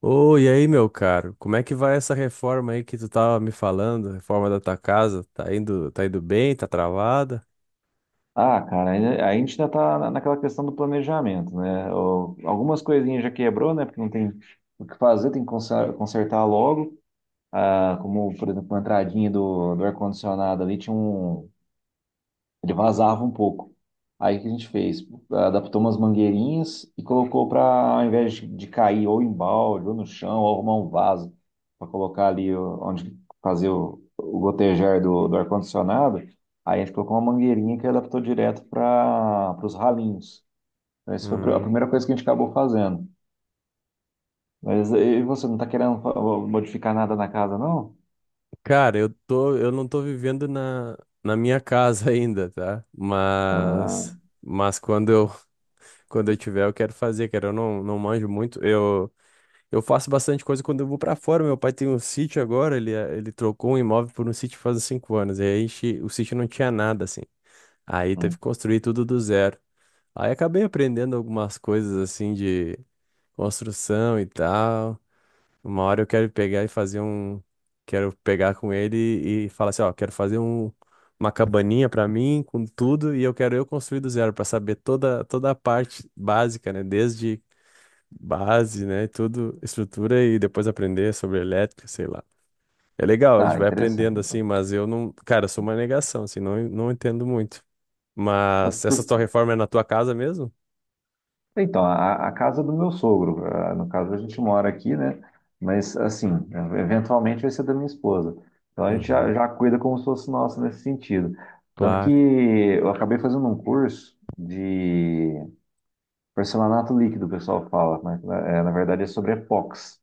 Ô, e aí, meu caro, como é que vai essa reforma aí que tu tava me falando? Reforma da tua casa, tá indo bem, tá travada? Ah, cara, aí a gente ainda tá naquela questão do planejamento, né? Algumas coisinhas já quebrou, né? Porque não tem o que fazer, tem que consertar logo. Ah, como, por exemplo, a entradinha do ar-condicionado ali tinha um, ele vazava um pouco. Aí o que a gente fez? Adaptou umas mangueirinhas e colocou para, ao invés de cair ou em balde, ou no chão, ou arrumar um vaso, para colocar ali onde fazer o gotejar do ar-condicionado, aí a gente colocou uma mangueirinha que adaptou direto para os ralinhos. Então, essa foi a a Hum. primeira coisa que a gente acabou fazendo. Mas e você não está querendo modificar nada na casa, não? Cara, eu não tô vivendo na minha casa ainda, tá? Ah, Mas quando eu tiver, eu quero fazer, cara, eu não manjo muito. Eu faço bastante coisa quando eu vou pra fora. Meu pai tem um sítio agora, ele trocou um imóvel por um sítio faz uns 5 anos. E aí, a o sítio não tinha nada, assim. Aí teve hum. que construir tudo do zero. Aí acabei aprendendo algumas coisas assim de construção e tal. Uma hora eu quero pegar e fazer um. Quero pegar com ele e falar assim, ó, quero fazer um, uma cabaninha pra mim com tudo e eu quero eu construir do zero pra saber toda, toda a parte básica, né? Desde base, né? Tudo, estrutura e depois aprender sobre elétrica, sei lá. É legal, a gente Ah, vai interessante. aprendendo assim, mas eu não. Cara, eu sou uma negação, assim, não entendo muito. Mas essa tua reforma é na tua casa mesmo? Então, a casa do meu sogro, ah, no caso a gente mora aqui, né? Mas assim, eventualmente vai ser da minha esposa. Então a gente já, Uhum, já cuida como se fosse nossa nesse sentido. Tanto que claro. eu acabei fazendo um curso de porcelanato líquido, o pessoal fala, mas na, é, na verdade é sobre epox.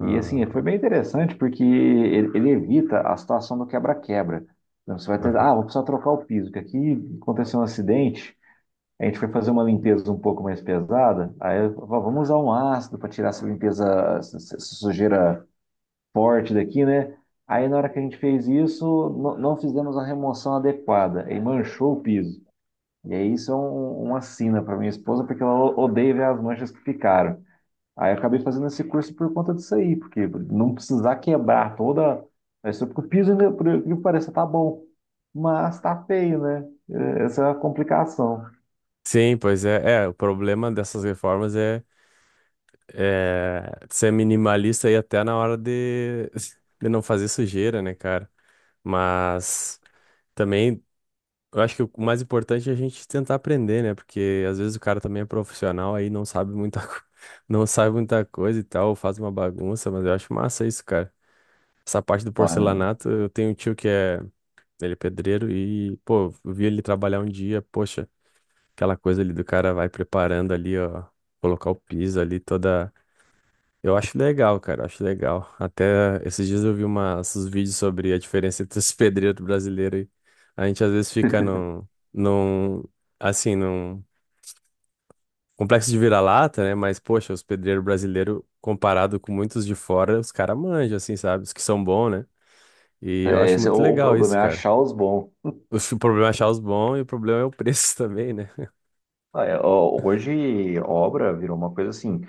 E assim, foi bem interessante porque ele evita a situação do quebra-quebra. Então, você vai ter, aham. ah, vou precisar trocar o piso, que aqui aconteceu um acidente. A gente foi fazer uma limpeza um pouco mais pesada, aí eu falei, vamos usar um ácido para tirar essa limpeza, essa sujeira forte daqui, né? Aí na hora que a gente fez isso, não fizemos a remoção adequada e manchou o piso. E aí isso é uma sina para minha esposa, porque ela odeia ver as manchas que ficaram. Aí eu acabei fazendo esse curso por conta disso aí, porque não precisar quebrar toda a estrutura, porque o piso, ainda, por incrível que pareça, tá bom, mas tá feio, né? É, essa é a complicação. Sim, pois é, o problema dessas reformas é ser minimalista e até na hora de, de não fazer sujeira, né, cara? Mas também eu acho que o mais importante é a gente tentar aprender, né? Porque às vezes o cara também é profissional aí não sabe muita, não sabe muita coisa e tal, faz uma bagunça, mas eu acho massa isso, cara. Essa parte do Pô, porcelanato, eu tenho um tio que é, ele é pedreiro e, pô, eu vi ele trabalhar um dia, poxa. Aquela coisa ali do cara vai preparando ali, ó, colocar o piso ali toda. Eu acho legal, cara, eu acho legal. Até esses dias eu vi umas, uns vídeos sobre a diferença entre os pedreiros brasileiros e a gente às vezes fica num, assim, num complexo de vira-lata, né? Mas, poxa, os pedreiros brasileiros, comparado com muitos de fora, os caras manjam, assim, sabe? Os que são bons, né? E eu é, acho esse é o, muito o legal problema, isso, é cara. achar os bons. O problema é achar os bons e o problema é o preço também, né? Ah, é, ó, hoje, obra virou uma coisa assim,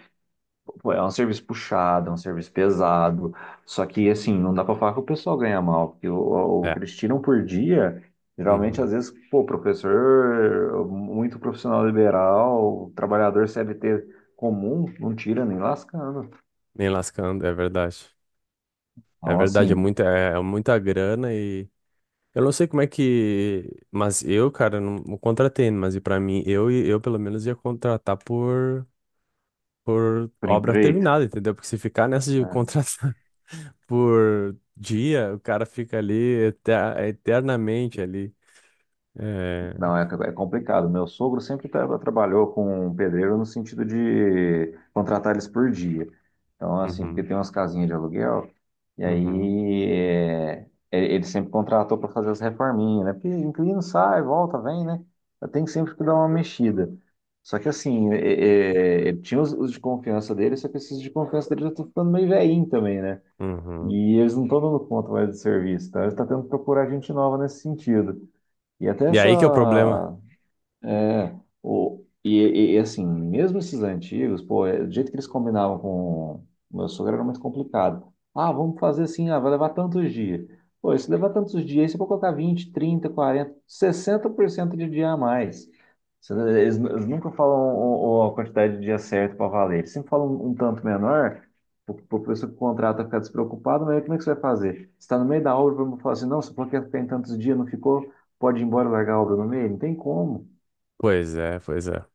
pô, é um serviço puxado, é um serviço pesado, só que, assim, não dá pra falar que o pessoal ganha mal, porque o que É. eles tiram por dia, geralmente, Uhum. às vezes, pô, professor, muito profissional liberal, trabalhador CLT comum, não tira nem lascando. Nem lascando, é verdade. É Então, verdade, é assim, muita, é é muita grana e eu não sei como é que, mas eu, cara, não contratei, mas e para mim, eu pelo menos ia contratar por por obra empreito. terminada, entendeu? Porque se ficar nessa de É. contratar por dia, o cara fica ali eternamente ali. É... Não, é, é complicado. Meu sogro sempre trabalhou com um pedreiro no sentido de contratar eles por dia. Então, assim, porque Uhum, tem umas casinhas de aluguel, e uhum, aí é, é- ele sempre contratou para fazer as reforminhas, né? Porque inquilino sai, volta, vem, né? Tem sempre que dar uma mexida. Só que, assim, é- é, ele tinha os de confiança dele, só que esses de confiança dele já estão ficando meio velhinho também, né? uhum. E eles não estão dando conta mais do serviço, então ele está tendo que procurar gente nova nesse sentido. E até E essa, aí que é o problema. é, o, e assim, mesmo esses antigos, pô, é, do jeito que eles combinavam com o meu sogro era muito complicado. Ah, vamos fazer assim, ah, vai levar tantos dias. Pô, e se levar tantos dias, você pode colocar vinte trinta quarenta sessenta por cento de dia a mais. Eles, eles nunca falam a quantidade de dia certo para valer. Eles sempre falam um tanto menor, para o professor que contrata ficar despreocupado, mas aí como é que você vai fazer? Você está no meio da obra, vamos falar assim, não, você falou que ia ficar em tantos dias, não ficou, pode ir embora e largar a obra no meio? Não tem como. Pois é, pois é.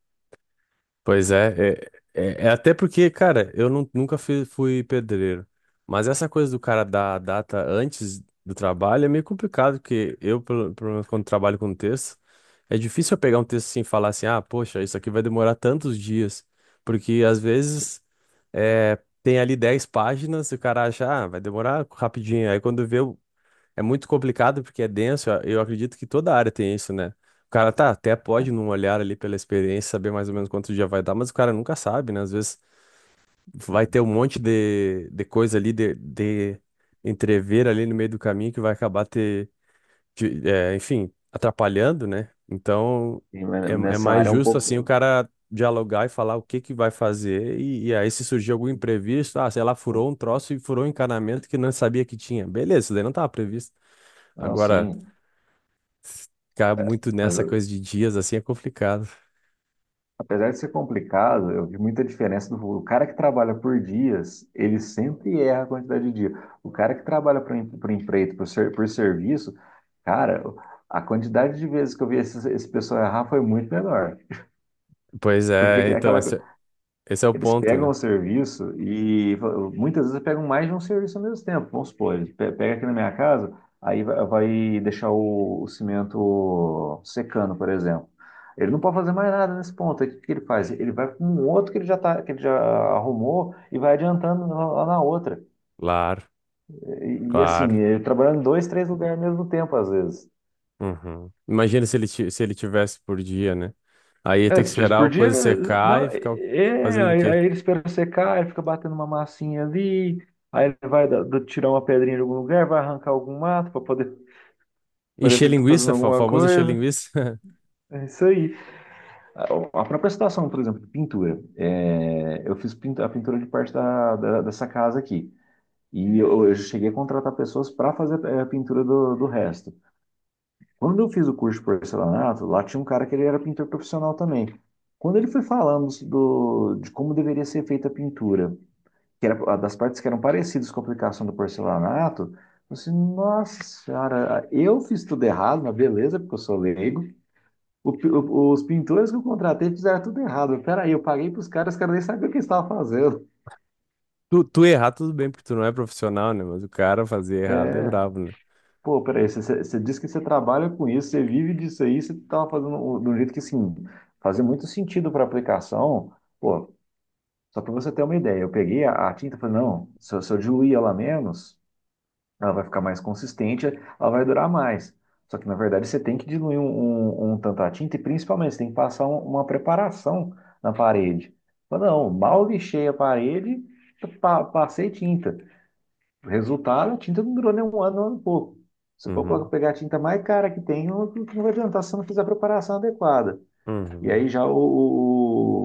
Pois é, é até porque, cara, eu nunca fui pedreiro, mas essa coisa do cara dar a data antes do trabalho é meio complicado, porque eu, pelo menos quando trabalho com texto, é difícil eu pegar um texto assim e falar assim, ah, poxa, isso aqui vai demorar tantos dias, porque às vezes é, tem ali 10 páginas e o cara acha, ah, vai demorar rapidinho, aí quando vê, é muito complicado porque é denso. Eu acredito que toda área tem isso, né? O cara tá, até pode, num olhar ali pela experiência, saber mais ou menos quanto dia vai dar, mas o cara nunca sabe, né? Às vezes vai ter um monte de coisa ali, de entrever ali no meio do caminho que vai acabar te, é, enfim, atrapalhando, né? Então Sim, é, mas é nessa mais área é um justo assim o pouco. cara dialogar e falar o que que vai fazer e, aí se surgir algum imprevisto, ah, sei lá, furou um troço e furou um encanamento que não sabia que tinha. Beleza, isso daí não estava previsto. Não, Agora sim. ficar É, muito mas nessa coisa eu- de dias assim é complicado. apesar de ser complicado, eu vi muita diferença do o cara que trabalha por dias, ele sempre erra a quantidade de dia. O cara que trabalha por empreito, por serviço, cara, a quantidade de vezes que eu vi esse pessoal errar foi muito menor. Pois Porque é, é então, aquela, esse é o eles ponto, pegam né? o serviço e muitas vezes pegam mais de um serviço ao mesmo tempo. Vamos supor, ele pega aqui na minha casa, aí vai deixar o cimento secando, por exemplo. Ele não pode fazer mais nada nesse ponto. Aí o que que ele faz? Ele vai com um outro que ele já tá, que ele já arrumou e vai adiantando lá na outra. Claro, E assim, claro. ele trabalhando em dois, três lugares ao mesmo tempo, às vezes. Uhum. Imagina se ele, se ele tivesse por dia, né? Aí ia ter É, que se tivesse esperar por a dia, coisa secar não, e é, ficar é, fazendo o quê? aí ele espera secar, ele fica batendo uma massinha ali, aí ele vai tirar uma pedrinha de algum lugar, vai arrancar algum mato para poder Encher parecer que tá fazendo linguiça, alguma famoso encher coisa. linguiça. É isso aí. A, a própria situação, por exemplo, de pintura. É, eu fiz a pintura de parte da dessa casa aqui. E eu cheguei a contratar pessoas para fazer eh, a pintura do resto. Quando eu fiz o curso de porcelanato, lá tinha um cara que ele era pintor profissional também. Quando ele foi falando de como deveria ser feita a pintura, que era das partes que eram parecidas com a aplicação do porcelanato, eu falei assim, nossa senhora, eu fiz tudo errado, mas beleza, porque eu sou leigo. Os pintores que eu contratei fizeram tudo errado. Peraí, eu paguei para os caras nem sabiam o que eles estavam fazendo. Tu errar, tudo bem, porque tu não é profissional, né? Mas o cara fazer errado é É. brabo, né? Pô, peraí, você disse que você trabalha com isso, você vive disso aí, você estava fazendo de um jeito que, assim, fazia muito sentido para a aplicação. Pô, só para você ter uma ideia, eu peguei a tinta e falei, não, se eu diluir ela menos, ela vai ficar mais consistente, ela vai durar mais. Só que, na verdade, você tem que diluir um tanto a tinta e, principalmente, você tem que passar uma preparação na parede. Eu falei, não, mal lixei a parede, passei tinta. Resultado, a tinta não durou nem um ano, um ano e pouco. Você Uhum, pode pegar a tinta mais cara que tem, não vai adiantar se você não fizer a preparação adequada. E uhum, aí já o-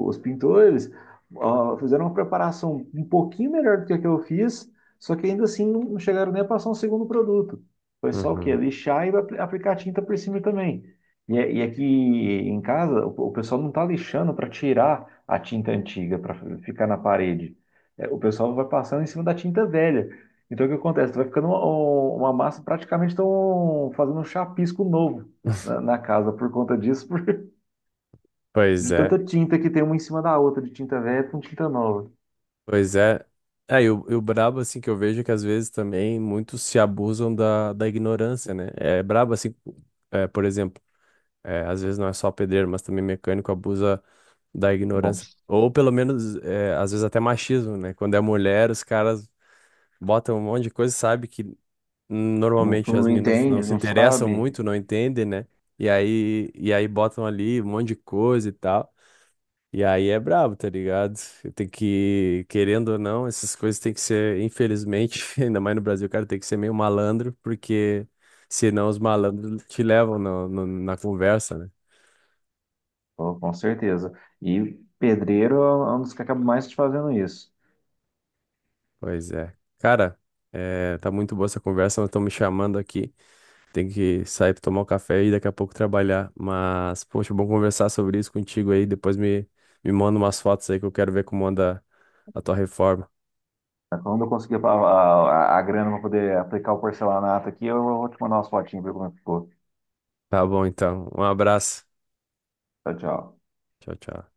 o- os pintores ó, fizeram uma preparação um pouquinho melhor do que a que eu fiz, só que ainda assim não chegaram nem a passar um segundo produto. Foi só o quê? uhum. Lixar e aplicar tinta por cima também. E, e aqui em casa, o pessoal não está lixando para tirar a tinta antiga, para ficar na parede. É, o pessoal vai passando em cima da tinta velha. Então o que acontece? Vai ficando uma massa, praticamente estão fazendo um chapisco novo na casa por conta disso, Pois de é. tanta tinta que tem uma em cima da outra, de tinta velha com tinta nova. Pois é. É, e o brabo, assim, que eu vejo é que às vezes também muitos se abusam da ignorância, né? É brabo, assim, é, por exemplo, é, às vezes não é só pedreiro, mas também mecânico abusa da Bom, ignorância. Ou pelo menos, é, às vezes até machismo, né? Quando é mulher, os caras botam um monte de coisa, sabe que não, tu normalmente as não minas não entende, se não interessam sabe, muito, não entendem, né? E aí botam ali um monte de coisa e tal. E aí é brabo, tá ligado? Tem que, querendo ou não, essas coisas tem que ser, infelizmente, ainda mais no Brasil, cara, tem que ser meio malandro, porque senão os malandros te levam na conversa, né? pô, com certeza. E pedreiro é um dos que acaba mais te fazendo isso. Pois é. Cara, é, tá muito boa essa conversa, mas estão me chamando aqui. Tem que sair pra tomar um café e daqui a pouco trabalhar. Mas, poxa, bom conversar sobre isso contigo aí. Depois me manda umas fotos aí que eu quero ver como anda a tua reforma. Quando eu conseguir a grana para poder aplicar o porcelanato aqui, eu vou te mandar umas fotinhas para ver como é que ficou. Tá bom, então. Um abraço. Tchau, tchau. Tchau, tchau.